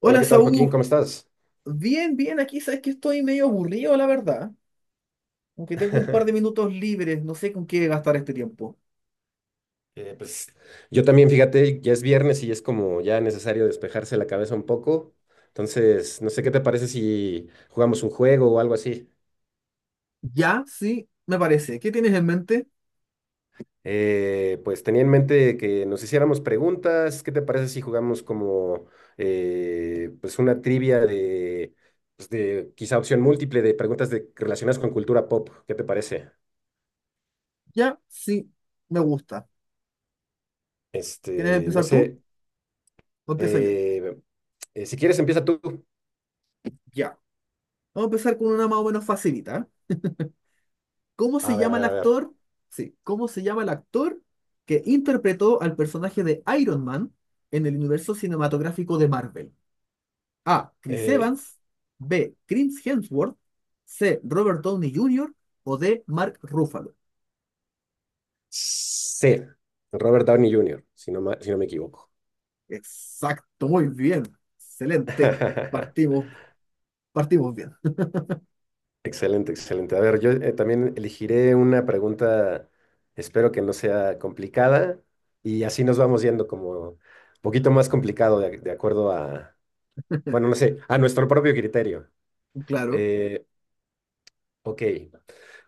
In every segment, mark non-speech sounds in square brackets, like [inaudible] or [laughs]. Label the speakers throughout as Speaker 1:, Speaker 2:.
Speaker 1: Hola,
Speaker 2: Hola,
Speaker 1: ¿qué tal, Joaquín?
Speaker 2: Saúl.
Speaker 1: ¿Cómo estás?
Speaker 2: Bien, bien, aquí sabes que estoy medio aburrido, la verdad. Aunque tengo un par de
Speaker 1: [laughs]
Speaker 2: minutos libres, no sé con qué gastar este tiempo.
Speaker 1: Eh, pues yo también, fíjate, ya es viernes y es como ya necesario despejarse la cabeza un poco. Entonces, no sé qué te parece si jugamos un juego o algo así.
Speaker 2: Ya, sí, me parece. ¿Qué tienes en mente?
Speaker 1: Pues tenía en mente que nos hiciéramos preguntas. ¿Qué te parece si jugamos como pues una trivia de, pues, de quizá opción múltiple de preguntas de, relacionadas con cultura pop? ¿Qué te parece?
Speaker 2: Ya, sí, me gusta. ¿Quieres
Speaker 1: Este, no
Speaker 2: empezar tú
Speaker 1: sé.
Speaker 2: o empiezo yo?
Speaker 1: eh, si quieres, empieza tú.
Speaker 2: Ya. Vamos a empezar con una más o menos facilita. ¿Eh? ¿Cómo se
Speaker 1: A ver, a
Speaker 2: llama el
Speaker 1: ver, a ver.
Speaker 2: actor? Sí, ¿cómo se llama el actor que interpretó al personaje de Iron Man en el universo cinematográfico de Marvel? A. Chris
Speaker 1: Eh,
Speaker 2: Evans. B. Chris Hemsworth. C. Robert Downey Jr. O D. Mark Ruffalo.
Speaker 1: Sí, Robert Downey Jr., si no me equivoco.
Speaker 2: Exacto, muy bien. Excelente.
Speaker 1: [laughs]
Speaker 2: Partimos, partimos bien. [laughs]
Speaker 1: Excelente, excelente. A ver, yo también elegiré una pregunta, espero que no sea complicada, y así nos vamos yendo como un poquito más complicado de acuerdo a, bueno, no sé, a nuestro propio criterio.
Speaker 2: Claro.
Speaker 1: Eh, ok,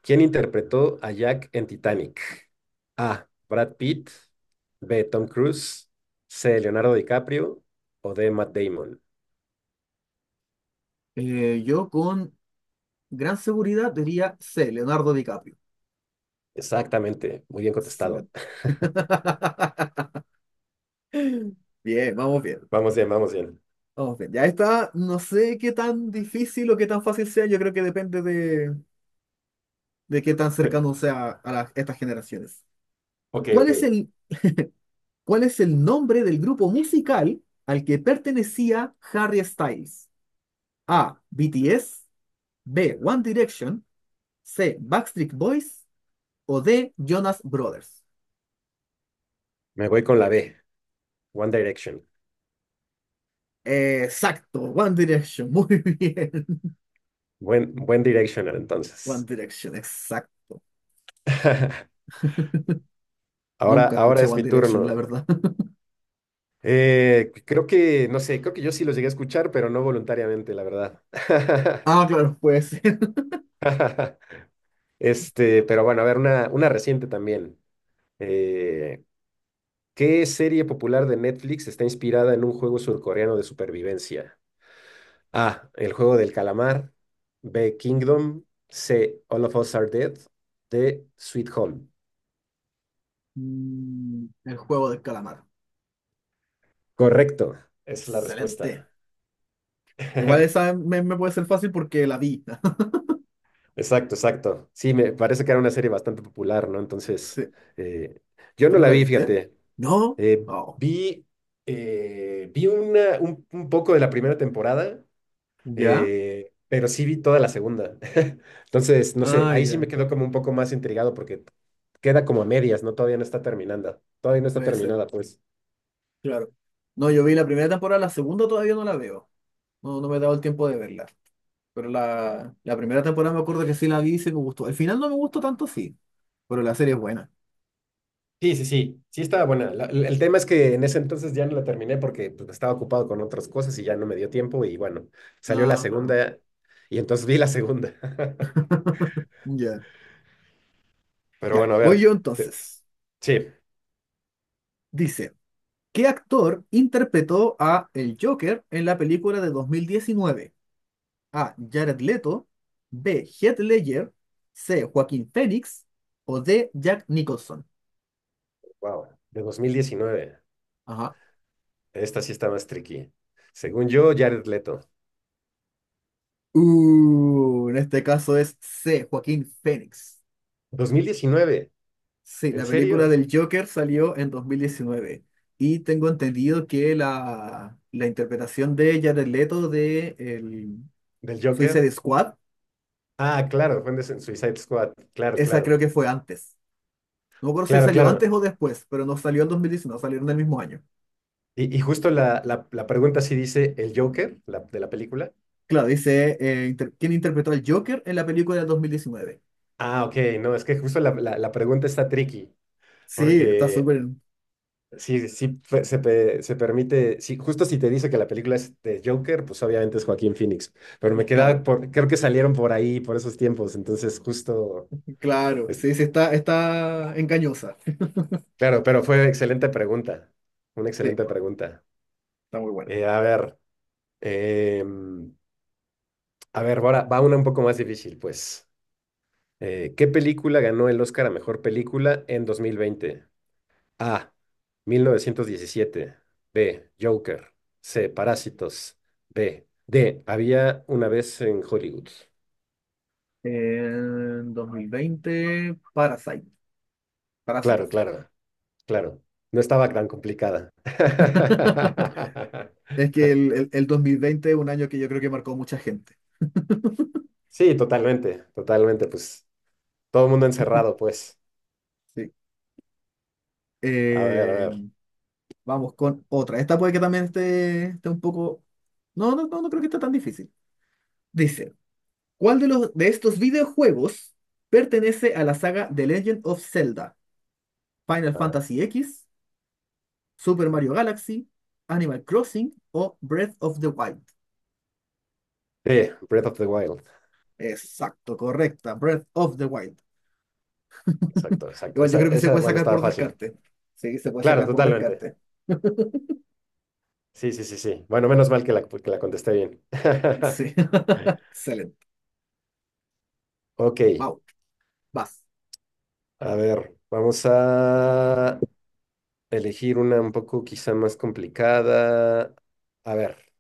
Speaker 1: ¿quién interpretó a Jack en Titanic? A, Brad Pitt; B, Tom Cruise; C, Leonardo DiCaprio; o D, Matt Damon.
Speaker 2: Yo con gran seguridad diría C. Leonardo DiCaprio.
Speaker 1: Exactamente, muy bien contestado.
Speaker 2: Excelente.
Speaker 1: [laughs]
Speaker 2: [laughs] Bien, vamos bien.
Speaker 1: Vamos bien, vamos bien.
Speaker 2: Vamos bien. Ya está. No sé qué tan difícil o qué tan fácil sea. Yo creo que depende de qué tan
Speaker 1: Eh,
Speaker 2: cercano sea a estas generaciones.
Speaker 1: Ok,
Speaker 2: ¿Cuál es
Speaker 1: ok.
Speaker 2: el ¿Cuál es el nombre del grupo musical al que pertenecía Harry Styles? A. BTS. B. One Direction. C. Backstreet Boys. O D. Jonas Brothers.
Speaker 1: Me voy con la B, One Direction.
Speaker 2: Exacto, One Direction. [laughs] Muy bien.
Speaker 1: Buen, buen Directional,
Speaker 2: One
Speaker 1: entonces.
Speaker 2: Direction, exacto.
Speaker 1: [laughs] Ahora,
Speaker 2: Nunca
Speaker 1: ahora
Speaker 2: escuché
Speaker 1: es
Speaker 2: One
Speaker 1: mi
Speaker 2: Direction, la
Speaker 1: turno.
Speaker 2: verdad. [laughs]
Speaker 1: Creo que, no sé, creo que yo sí los llegué a escuchar, pero no voluntariamente, la verdad.
Speaker 2: Ah, claro, puede ser.
Speaker 1: [laughs] Este, pero bueno, a ver, una reciente también. Eh, ¿Qué serie popular de Netflix está inspirada en un juego surcoreano de supervivencia? A. El juego del calamar. B. Kingdom. C. All of Us Are Dead. D. Sweet Home.
Speaker 2: El juego del calamar.
Speaker 1: Correcto. Esa es la
Speaker 2: Excelente.
Speaker 1: respuesta.
Speaker 2: Igual esa
Speaker 1: [laughs]
Speaker 2: me puede ser fácil porque la vi. [laughs]
Speaker 1: Exacto, exacto. Sí, me parece que era una serie bastante popular, ¿no? Entonces,
Speaker 2: Sí.
Speaker 1: eh, yo no
Speaker 2: ¿Tú no
Speaker 1: la
Speaker 2: la
Speaker 1: vi,
Speaker 2: viste?
Speaker 1: fíjate.
Speaker 2: No.
Speaker 1: Eh,
Speaker 2: Oh.
Speaker 1: vi Vi un poco de la primera temporada.
Speaker 2: ¿Ya?
Speaker 1: Pero sí vi toda la segunda. [laughs] Entonces, no sé,
Speaker 2: Ah,
Speaker 1: ahí sí me
Speaker 2: ya.
Speaker 1: quedó como un poco más intrigado porque queda como a medias, ¿no? Todavía no está terminada. Todavía no está
Speaker 2: Puede ser,
Speaker 1: terminada, pues.
Speaker 2: claro. No, yo vi la primera temporada, la segunda todavía no la veo. No, no me he dado el tiempo de verla. Pero la primera temporada me acuerdo que sí la vi y sí me gustó. El final no me gustó tanto, sí, pero la serie es buena.
Speaker 1: Sí, sí, sí, sí estaba buena. El tema es que en ese entonces ya no la terminé porque pues, estaba ocupado con otras cosas y ya no me dio tiempo y bueno, salió la
Speaker 2: Ah, claro.
Speaker 1: segunda y entonces vi la segunda. [laughs]
Speaker 2: Ya.
Speaker 1: Pero
Speaker 2: Ya,
Speaker 1: bueno, a
Speaker 2: voy
Speaker 1: ver,
Speaker 2: yo
Speaker 1: te-
Speaker 2: entonces.
Speaker 1: sí,
Speaker 2: Dice, ¿qué actor interpretó a el Joker en la película de 2019? A. Jared Leto, B. Heath Ledger, C. Joaquín Phoenix o D. Jack Nicholson.
Speaker 1: wow, de dos mil diecinueve.
Speaker 2: Ajá.
Speaker 1: Esta sí está más tricky. Según yo, Jared Leto.
Speaker 2: En este caso es C, Joaquín Phoenix.
Speaker 1: ¿Dos mil diecinueve,
Speaker 2: Sí,
Speaker 1: en
Speaker 2: la película
Speaker 1: serio?
Speaker 2: del Joker salió en 2019 y tengo entendido que la interpretación de Jared Leto de el
Speaker 1: ¿Del
Speaker 2: Suicide
Speaker 1: Joker?
Speaker 2: Squad,
Speaker 1: Ah, claro, en Suicide Squad. Claro,
Speaker 2: esa creo
Speaker 1: claro.
Speaker 2: que fue antes. No me acuerdo si
Speaker 1: Claro,
Speaker 2: salió antes
Speaker 1: claro.
Speaker 2: o después, pero no salió en 2019. Salieron el mismo año.
Speaker 1: Y justo la pregunta sí dice el Joker, la, de la película.
Speaker 2: Claro, dice quién interpretó al Joker en la película del 2019.
Speaker 1: Ah, ok, no, es que justo la pregunta está tricky,
Speaker 2: Sí, está
Speaker 1: porque
Speaker 2: súper
Speaker 1: sí, se permite, sí, justo si te dice que la película es de Joker, pues obviamente es Joaquín Phoenix, pero me quedaba
Speaker 2: claro,
Speaker 1: por, creo que salieron por ahí, por esos tiempos, entonces justo,
Speaker 2: claro.
Speaker 1: es-
Speaker 2: Sí, sí, está engañosa. [laughs]
Speaker 1: claro, pero fue excelente pregunta, una
Speaker 2: Sí,
Speaker 1: excelente pregunta.
Speaker 2: está muy buena.
Speaker 1: A ver. Eh, A ver, ahora va una un poco más difícil, pues. ¿Qué película ganó el Oscar a mejor película en 2020? A. mil novecientos diecisiete. B. Joker. C. Parásitos. B. D. Había una vez en Hollywood.
Speaker 2: En 2020, Parasite,
Speaker 1: Claro,
Speaker 2: Parásitos.
Speaker 1: claro, claro. No estaba tan complicada.
Speaker 2: [laughs]
Speaker 1: [laughs]
Speaker 2: Es que el 2020 es un año que yo creo que marcó mucha gente.
Speaker 1: Sí, totalmente, totalmente, pues. Todo el mundo encerrado, pues.
Speaker 2: Sí.
Speaker 1: A ver, a
Speaker 2: Eh,
Speaker 1: ver,
Speaker 2: Vamos con otra. Esta puede que también esté un poco. No, no, no, no creo que esté tan difícil. Dice, ¿cuál de estos videojuegos pertenece a la saga The Legend of Zelda? Final
Speaker 1: a ver.
Speaker 2: Fantasy X, Super Mario Galaxy, Animal Crossing o Breath of the Wild.
Speaker 1: B. Breath of the Wild.
Speaker 2: Exacto, correcta, Breath of the Wild.
Speaker 1: Exacto, exacto.
Speaker 2: Igual yo
Speaker 1: Esa,
Speaker 2: creo que se
Speaker 1: esa,
Speaker 2: puede
Speaker 1: bueno,
Speaker 2: sacar
Speaker 1: estaba
Speaker 2: por
Speaker 1: fácil.
Speaker 2: descarte. Sí, se puede
Speaker 1: Claro,
Speaker 2: sacar por
Speaker 1: totalmente.
Speaker 2: descarte. [laughs]
Speaker 1: Sí, sí, sí, sí. Bueno, menos mal que la contesté bien. [laughs]
Speaker 2: Sí, [laughs] excelente.
Speaker 1: Ok,
Speaker 2: Wow, vas.
Speaker 1: a ver, vamos a elegir una un poco quizá más complicada. A ver,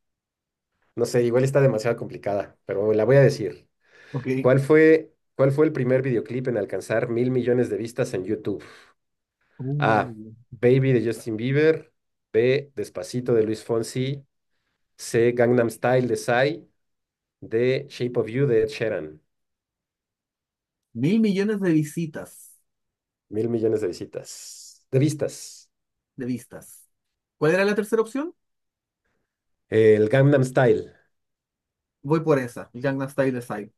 Speaker 1: no sé, igual está demasiado complicada, pero la voy a decir.
Speaker 2: Ok.
Speaker 1: Cuál fue el primer videoclip en alcanzar mil millones de vistas en YouTube? A.
Speaker 2: Uh,
Speaker 1: Baby de Justin Bieber. B. Despacito de Luis Fonsi. C. Gangnam Style de Psy. D. Shape of You de Ed Sheeran.
Speaker 2: Mil millones de visitas,
Speaker 1: Mil millones de visitas. De vistas.
Speaker 2: de vistas. ¿Cuál era la tercera opción?
Speaker 1: El Gangnam Style.
Speaker 2: Voy por esa. El Gangnam Style Desire.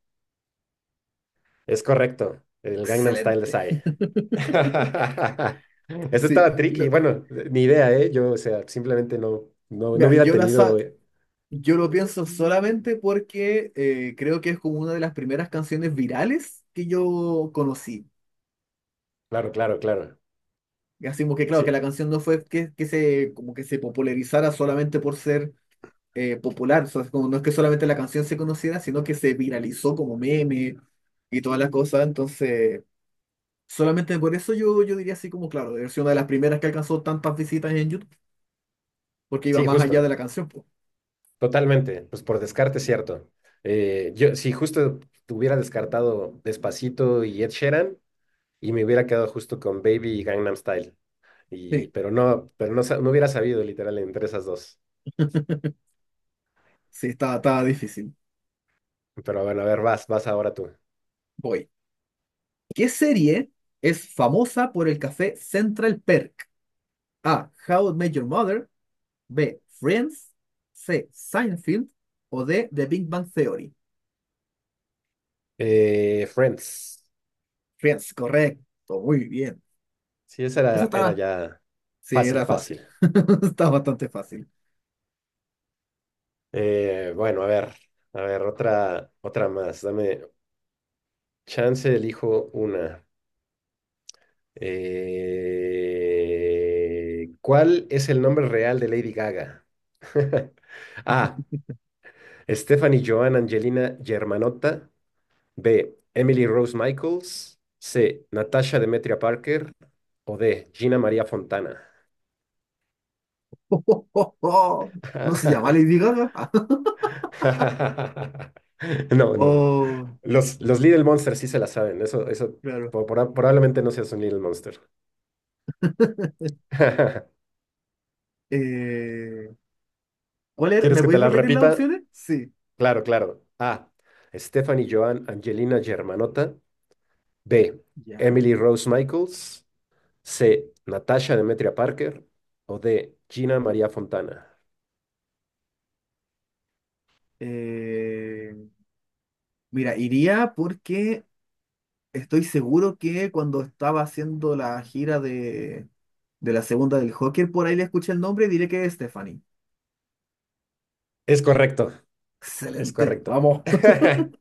Speaker 1: Es correcto. El Gangnam Style de
Speaker 2: Excelente.
Speaker 1: Psy.
Speaker 2: [laughs]
Speaker 1: [laughs] Eso
Speaker 2: Sí,
Speaker 1: estaba tricky. Bueno, ni idea, ¿eh? Yo, o sea, simplemente no
Speaker 2: mira,
Speaker 1: hubiera tenido.
Speaker 2: yo lo pienso solamente porque creo que es como una de las primeras canciones virales que yo conocí.
Speaker 1: Claro, claro, claro.
Speaker 2: Así como que claro, que la
Speaker 1: Sí,
Speaker 2: canción no fue que se como que se popularizara solamente por ser popular. O sea, es como no es que solamente la canción se conociera, sino que se viralizó como meme y todas las cosas. Entonces, solamente por eso yo diría así como, claro, debe ser una de las primeras que alcanzó tantas visitas en YouTube, porque iba
Speaker 1: sí,
Speaker 2: más allá de
Speaker 1: justo.
Speaker 2: la canción, po.
Speaker 1: Totalmente. Pues por descarte, cierto. Yo, si justo hubiera descartado Despacito y Ed Sheeran, y me hubiera quedado justo con Baby y Gangnam Style. Y,
Speaker 2: Sí,
Speaker 1: pero no, no hubiera sabido literal entre esas dos.
Speaker 2: [laughs] sí, estaba difícil.
Speaker 1: Pero bueno, a ver, vas, vas ahora tú.
Speaker 2: Voy. ¿Qué serie es famosa por el café Central Perk? A. How I Met Your Mother. B. Friends. C. Seinfeld. O D. The Big Bang Theory.
Speaker 1: Friends.
Speaker 2: Friends, correcto. Muy bien.
Speaker 1: Sí, esa
Speaker 2: Eso
Speaker 1: era, era
Speaker 2: estaba.
Speaker 1: ya
Speaker 2: Sí,
Speaker 1: fácil,
Speaker 2: era
Speaker 1: fácil.
Speaker 2: fácil. [laughs] Está bastante fácil.
Speaker 1: Bueno, a ver, otra, otra más. Dame chance, elijo una. ¿Cuál es el nombre real de Lady Gaga? [laughs] A. Stephanie Joan Angelina Germanotta. B. Emily Rose Michaels. C. Natasha Demetria Parker. O D. Gina María Fontana.
Speaker 2: [laughs] No se llama Lady
Speaker 1: [laughs]
Speaker 2: Gaga. [laughs]
Speaker 1: [laughs] No, no, no.
Speaker 2: Oh,
Speaker 1: Los Little Monsters sí se la saben. Eso
Speaker 2: claro.
Speaker 1: probablemente no seas un Little Monster. [laughs]
Speaker 2: Eh, ¿Cuál era?
Speaker 1: ¿Quieres
Speaker 2: ¿Me
Speaker 1: que te
Speaker 2: podéis
Speaker 1: las
Speaker 2: repetir las
Speaker 1: repita?
Speaker 2: opciones? Sí.
Speaker 1: Claro, claro. A. Stephanie Joan Angelina Germanotta. B.
Speaker 2: Ya.
Speaker 1: Emily Rose Michaels. C. Natasha Demetria Parker. O D. Gina María Fontana.
Speaker 2: Eh, Mira, iría porque estoy seguro que cuando estaba haciendo la gira de la segunda del Joker, por ahí le escuché el nombre y diré que es Stephanie.
Speaker 1: Es correcto, es
Speaker 2: Excelente.
Speaker 1: correcto.
Speaker 2: Vamos,
Speaker 1: [laughs]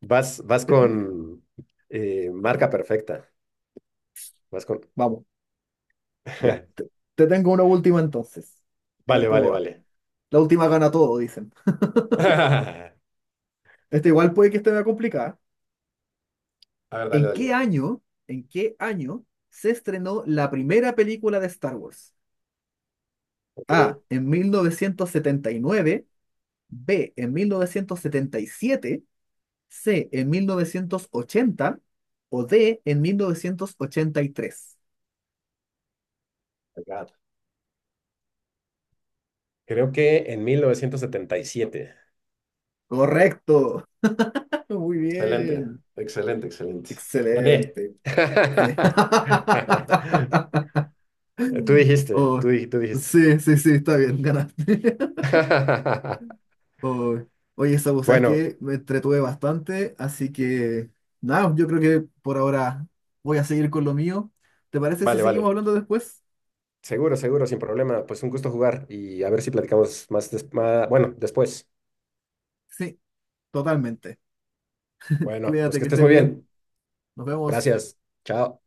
Speaker 1: Vas, vas con marca perfecta. Vas con.
Speaker 2: [laughs] vamos. Ya.
Speaker 1: [laughs]
Speaker 2: Te tengo una última entonces. A ver
Speaker 1: Vale,
Speaker 2: cómo
Speaker 1: vale,
Speaker 2: va.
Speaker 1: vale.
Speaker 2: La última gana todo, dicen.
Speaker 1: [laughs] A
Speaker 2: Este igual puede que esté más complicada.
Speaker 1: ver, dale,
Speaker 2: ¿En qué
Speaker 1: dale.
Speaker 2: año, ¿En qué año se estrenó la primera película de Star Wars?
Speaker 1: Ok, I
Speaker 2: A, en 1979. B, en 1977. C, en 1980. O D, en 1983.
Speaker 1: got it. Creo que en 1977.
Speaker 2: Correcto. [laughs] Muy
Speaker 1: Excelente,
Speaker 2: bien.
Speaker 1: excelente, excelente. Gané.
Speaker 2: Excelente. Sí.
Speaker 1: [laughs]
Speaker 2: [laughs]
Speaker 1: Tú dijiste,
Speaker 2: Oh,
Speaker 1: tú dijiste.
Speaker 2: sí, sí, sí, está bien, ganaste. [laughs]
Speaker 1: [laughs]
Speaker 2: Oh, oye, Sabu, sabes
Speaker 1: Bueno,
Speaker 2: que me entretuve bastante, así que nada, yo creo que por ahora voy a seguir con lo mío. ¿Te parece si
Speaker 1: vale,
Speaker 2: seguimos
Speaker 1: vale.
Speaker 2: hablando después?
Speaker 1: Seguro, seguro, sin problema. Pues un gusto jugar y a ver si platicamos más, bueno, después.
Speaker 2: Sí, totalmente.
Speaker 1: Bueno, pues
Speaker 2: Cuídate,
Speaker 1: que
Speaker 2: que
Speaker 1: estés
Speaker 2: estés
Speaker 1: muy
Speaker 2: bien.
Speaker 1: bien.
Speaker 2: Nos vemos.
Speaker 1: Gracias. Chao.